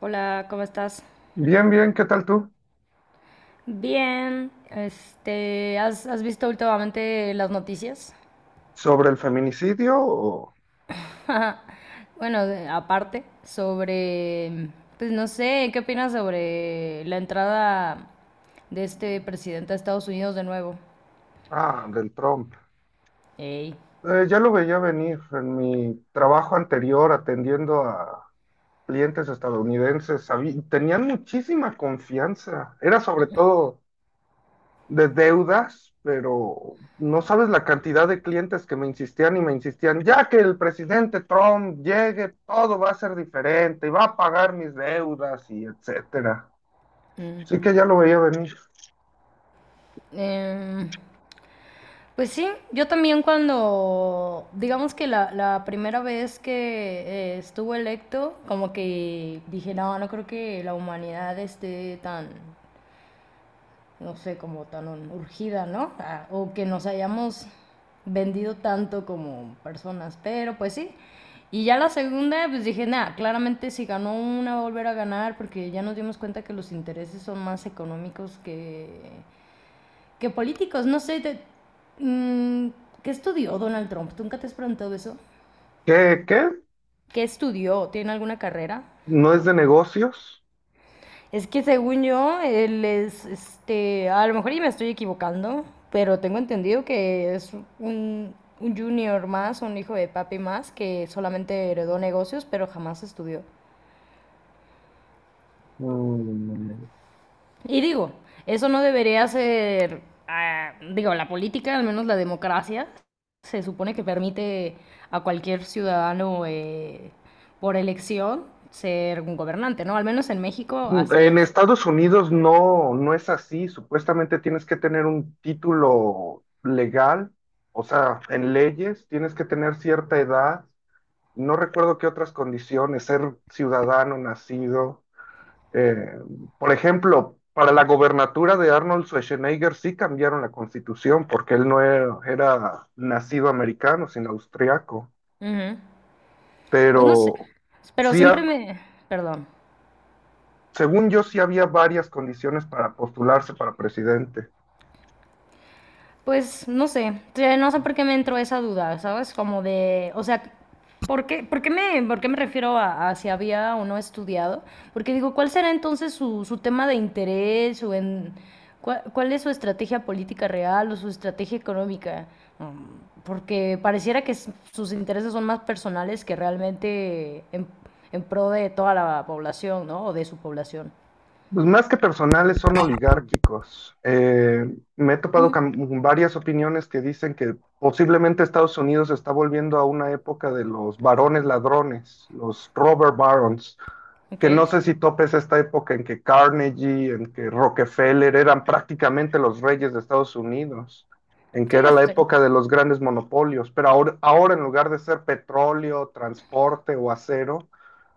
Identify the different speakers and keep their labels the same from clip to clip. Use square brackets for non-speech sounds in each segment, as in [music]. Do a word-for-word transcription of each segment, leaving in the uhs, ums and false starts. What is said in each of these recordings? Speaker 1: Hola, ¿cómo estás?
Speaker 2: Bien, bien, ¿qué tal tú?
Speaker 1: Bien, este, ¿has, has visto últimamente las noticias?
Speaker 2: ¿Sobre el feminicidio o...?
Speaker 1: [laughs] Bueno, de- aparte, sobre, pues no sé, ¿qué opinas sobre la entrada de este presidente a Estados Unidos de nuevo?
Speaker 2: Ah, del Trump.
Speaker 1: Ey.
Speaker 2: Eh, ya lo veía venir en mi trabajo anterior atendiendo a clientes estadounidenses. sabí- Tenían muchísima confianza. Era sobre todo de deudas, pero no sabes la cantidad de clientes que me insistían y me insistían, ya que el presidente Trump llegue, todo va a ser diferente y va a pagar mis deudas y etcétera.
Speaker 1: Mm.
Speaker 2: Así que ya lo veía venir.
Speaker 1: Em, pues sí, yo también cuando, digamos que la, la primera vez que eh, estuvo electo, como que dije, no, no creo que la humanidad esté tan no sé, como tan urgida, ¿no? A- o que nos hayamos vendido tanto como personas, pero pues sí. Y ya la segunda, pues dije, nada, claramente si ganó una va a volver a ganar porque ya nos dimos cuenta que los intereses son más económicos que, que políticos. No sé, te- mm, ¿qué estudió Donald Trump? ¿Tú nunca te has preguntado eso?
Speaker 2: ¿Qué, qué?
Speaker 1: ¿Qué estudió? ¿Tiene alguna carrera?
Speaker 2: No es de negocios.
Speaker 1: Es que según yo, él es, este, a lo mejor y me estoy equivocando, pero tengo entendido que es un, un junior más, un hijo de papi más, que solamente heredó negocios, pero jamás estudió.
Speaker 2: Mm,
Speaker 1: Y digo, eso no debería ser, ah, digo, la política, al menos la democracia, se supone que permite a cualquier ciudadano eh, por elección ser un gobernante, ¿no? Al menos en México así
Speaker 2: En
Speaker 1: es.
Speaker 2: Estados Unidos no, no es así. Supuestamente tienes que tener un título legal, o sea, en leyes, tienes que tener cierta edad. No recuerdo qué otras condiciones, ser ciudadano nacido. Eh, por ejemplo, para la gobernatura de Arnold Schwarzenegger sí cambiaron la constitución porque él no era, era nacido americano, sino austriaco.
Speaker 1: Ujú. Pues no sé,
Speaker 2: Pero
Speaker 1: pero
Speaker 2: sí,
Speaker 1: siempre me... Perdón.
Speaker 2: según yo sí había varias condiciones para postularse para presidente.
Speaker 1: Pues no sé, te- no sé por qué me entró esa duda, ¿sabes? Como de, o sea, ¿por qué, por qué me, por qué me refiero a, a si había o no estudiado? Porque digo, ¿cuál será entonces su, su tema de interés o en... ¿Cuál, cuál es su estrategia política real o su estrategia económica? Mm, porque pareciera que s- sus intereses son más personales que realmente en, en pro de toda la población, ¿no? O de su población.
Speaker 2: Pues más que personales son oligárquicos. Eh, me he topado
Speaker 1: Mm,
Speaker 2: con varias opiniones que dicen que posiblemente Estados Unidos está volviendo a una época de los barones ladrones, los robber barons, que no
Speaker 1: ok.
Speaker 2: sé si topes esta época en que Carnegie, en que Rockefeller eran prácticamente los reyes de Estados Unidos, en que
Speaker 1: Sí, ya
Speaker 2: era la
Speaker 1: estoy.
Speaker 2: época de los grandes monopolios, pero ahora, ahora en lugar de ser petróleo, transporte o acero,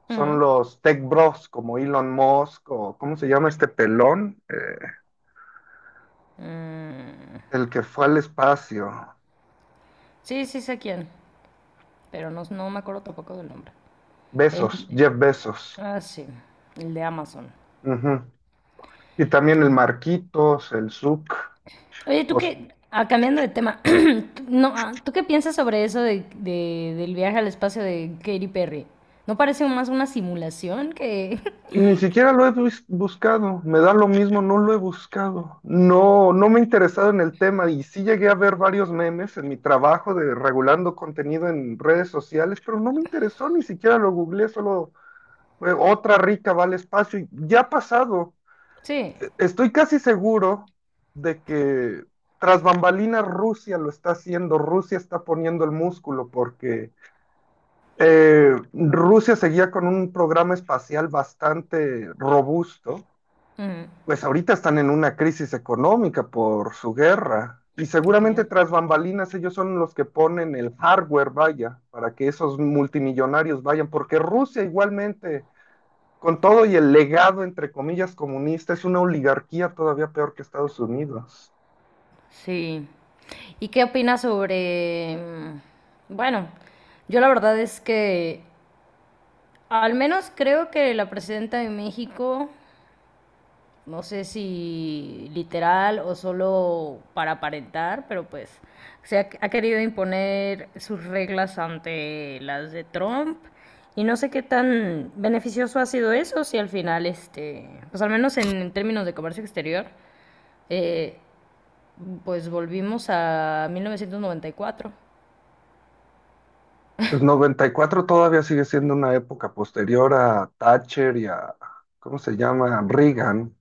Speaker 2: son
Speaker 1: Ujú.
Speaker 2: los tech bros como Elon Musk o ¿cómo se llama este pelón? Eh,
Speaker 1: Mm,
Speaker 2: el que fue al espacio.
Speaker 1: sí, sí sé quién, pero no, no me acuerdo tampoco del nombre. El,
Speaker 2: Besos, Jeff Bezos.
Speaker 1: ah, sí, el de Amazon.
Speaker 2: Ujú. Y también el Marquitos, el Zuck.
Speaker 1: Oye, ¿tú
Speaker 2: os-
Speaker 1: qué? Ah, cambiando de tema, [clears throat] tú- no, ah, ¿tú qué piensas sobre eso de, de- del viaje al espacio de Katy Perry? ¿No parece más una simulación que...? [laughs]
Speaker 2: Ni siquiera lo he bus- buscado, me da lo mismo, no lo he buscado. No, no me he interesado en el tema y sí llegué a ver varios memes en mi trabajo de regulando contenido en redes sociales, pero no me interesó, ni siquiera lo googleé, solo fue otra rica vale espacio y ya ha pasado.
Speaker 1: Sí.
Speaker 2: E- Estoy casi seguro de que tras bambalinas Rusia lo está haciendo, Rusia está poniendo el músculo porque eh, Rusia seguía con un programa espacial bastante robusto,
Speaker 1: Ujú.
Speaker 2: pues ahorita están en una crisis económica por su guerra. Y
Speaker 1: Ok.
Speaker 2: seguramente tras bambalinas ellos son los que ponen el hardware, vaya, para que esos multimillonarios vayan, porque Rusia igualmente, con todo y el legado, entre comillas, comunista, es una oligarquía todavía peor que Estados Unidos.
Speaker 1: Sí. ¿Y qué opinas sobre... mm, bueno, yo la verdad es que al menos creo que la presidenta de México no sé si literal o solo para aparentar, pero pues se ha, ha querido imponer sus reglas ante las de Trump. Y no sé qué tan beneficioso ha sido eso, si al final, este, pues al menos en, en términos de comercio exterior, eh, pues volvimos a mil novecientos noventa y cuatro.
Speaker 2: El noventa y cuatro todavía sigue siendo una época posterior a Thatcher y a, ¿cómo se llama? Reagan.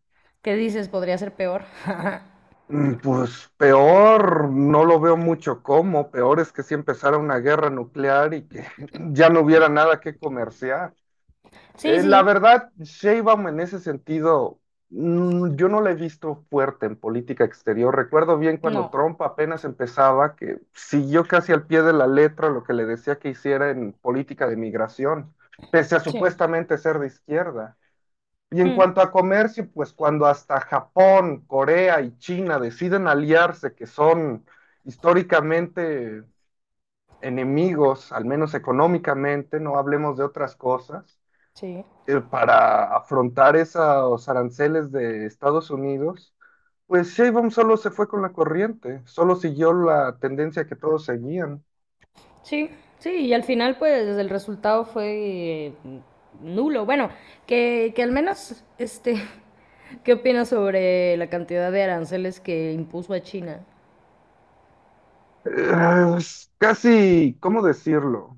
Speaker 1: ¿Qué dices? Podría ser peor. [laughs]
Speaker 2: Mm, Pues peor, no lo veo mucho como, peor es que si empezara una guerra nuclear y que [laughs] ya no hubiera nada que comerciar.
Speaker 1: Sí,
Speaker 2: Eh, la
Speaker 1: sí.
Speaker 2: verdad, Sheinbaum en ese sentido, mm, yo no la he visto fuerte en política exterior. Recuerdo bien cuando
Speaker 1: No.
Speaker 2: Trump apenas empezaba, que siguió casi al pie de la letra lo que le decía que hiciera en política de migración, pese a
Speaker 1: Sí.
Speaker 2: supuestamente ser de izquierda. Y en
Speaker 1: Mm,
Speaker 2: cuanto a comercio, pues cuando hasta Japón, Corea y China deciden aliarse, que son históricamente enemigos, al menos económicamente, no hablemos de otras cosas,
Speaker 1: sí.
Speaker 2: eh, para afrontar esos aranceles de Estados Unidos, pues Sheinbaum solo se fue con la corriente, solo siguió la tendencia que todos seguían.
Speaker 1: Sí, sí, y al final pues el resultado fue eh, nulo. Bueno, que, que al menos, este, [laughs] ¿qué opinas sobre la cantidad de aranceles que impuso a China?
Speaker 2: Eh, es casi, ¿cómo decirlo?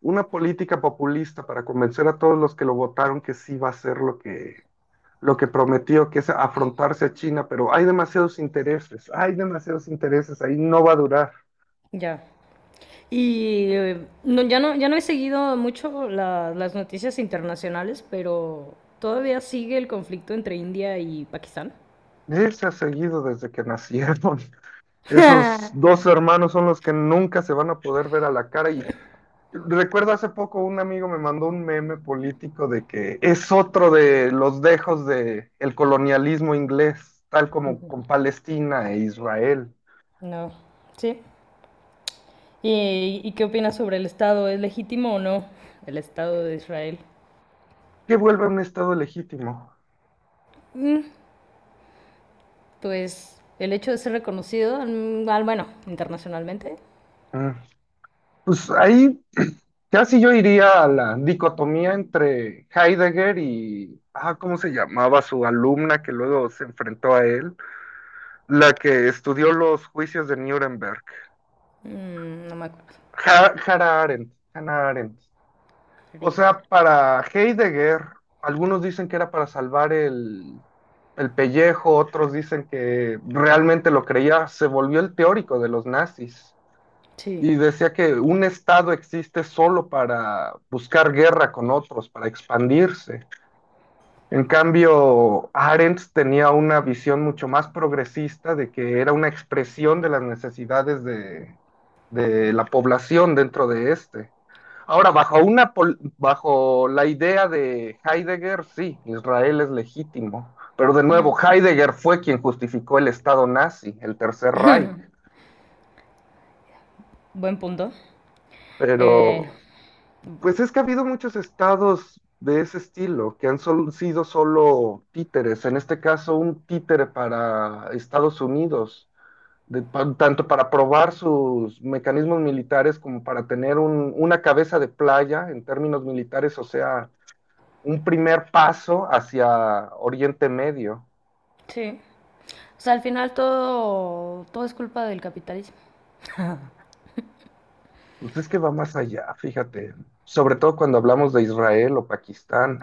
Speaker 2: Una política populista para convencer a todos los que lo votaron que sí va a ser lo que lo que prometió, que es afrontarse a China, pero hay demasiados intereses, hay demasiados intereses, ahí no va a durar.
Speaker 1: Ya. Y eh, no, ya no, ya no he seguido mucho la- las noticias internacionales, pero todavía sigue el conflicto entre India y Pakistán.
Speaker 2: Se ha seguido desde que nacieron. [laughs] Esos
Speaker 1: [laughs]
Speaker 2: dos hermanos son los que nunca se van a poder ver a la cara. Y recuerdo hace poco un amigo me mandó un meme político de que es otro de los dejos del colonialismo inglés, tal como con Palestina e Israel,
Speaker 1: No, sí. ¿Y, y qué opinas sobre el Estado? ¿Es legítimo o no el Estado de Israel?
Speaker 2: que vuelve a un estado legítimo.
Speaker 1: Mm, pues el hecho de ser reconocido, mm, al- bueno, internacionalmente,
Speaker 2: Mm. Pues ahí [clears throat] casi yo iría a la dicotomía entre Heidegger y, ah, ¿cómo se llamaba su alumna que luego se enfrentó a él? La que estudió los juicios de Nuremberg.
Speaker 1: mm, no me acuerdo.
Speaker 2: Ha- Hannah Arendt, Hannah Arendt. O
Speaker 1: Sí.
Speaker 2: sea, para Heidegger, algunos dicen que era para salvar el, el pellejo, otros dicen que realmente lo creía, se volvió el teórico de los nazis.
Speaker 1: Sí,
Speaker 2: Y decía que un Estado existe solo para buscar guerra con otros, para expandirse. En cambio, Arendt tenía una visión mucho más progresista de que era una expresión de las necesidades de, de la población dentro de este. Ahora, bajo, una, pol- bajo la idea de Heidegger, sí, Israel es legítimo, pero de
Speaker 1: mm,
Speaker 2: nuevo, Heidegger fue quien justificó el Estado nazi, el Tercer Reich,
Speaker 1: buen punto. Eh,
Speaker 2: pero. Pues es que ha habido muchos estados de ese estilo que han sol- sido solo títeres, en este caso un títere para Estados Unidos, de- pa- tanto para probar sus mecanismos militares como para tener un- una cabeza de playa en términos militares, o sea, un primer paso hacia Oriente Medio.
Speaker 1: sí. O sea, al final todo, todo es culpa del capitalismo. [laughs]
Speaker 2: Pues es que va más allá, fíjate, sobre todo cuando hablamos de Israel o Pakistán.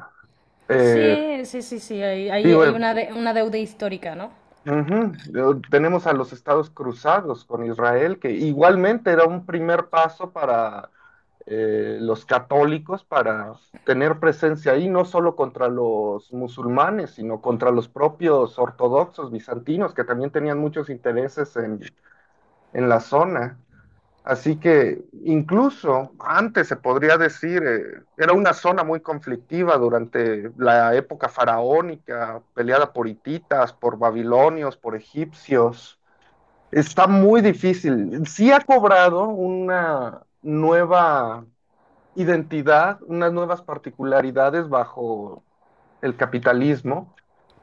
Speaker 2: Eh,
Speaker 1: Sí, sí, sí, sí, hay, hay-
Speaker 2: Digo,
Speaker 1: hay
Speaker 2: eh,
Speaker 1: una, de- una deuda histórica, ¿no?
Speaker 2: ujú. Tenemos a los estados cruzados con Israel, que igualmente era un primer paso para eh, los católicos para tener presencia ahí, no solo contra los musulmanes, sino contra los propios ortodoxos bizantinos, que también tenían muchos intereses en, en, la zona. Así que incluso antes se podría decir, eh, era una zona muy conflictiva durante la época faraónica, peleada por hititas, por babilonios, por egipcios. Está muy difícil. Sí ha cobrado una nueva identidad, unas nuevas particularidades bajo el capitalismo,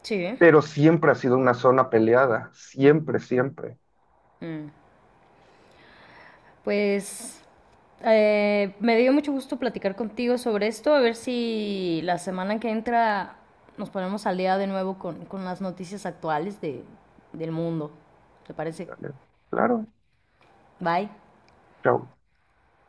Speaker 1: Sí.
Speaker 2: pero siempre ha sido una zona peleada, siempre, siempre.
Speaker 1: Mm. Pues eh, me dio mucho gusto platicar contigo sobre esto, a ver si la semana que entra nos ponemos al día de nuevo con, con las noticias actuales de, del mundo. ¿Te parece?
Speaker 2: ¿Vale? Claro,
Speaker 1: Bye.
Speaker 2: chao.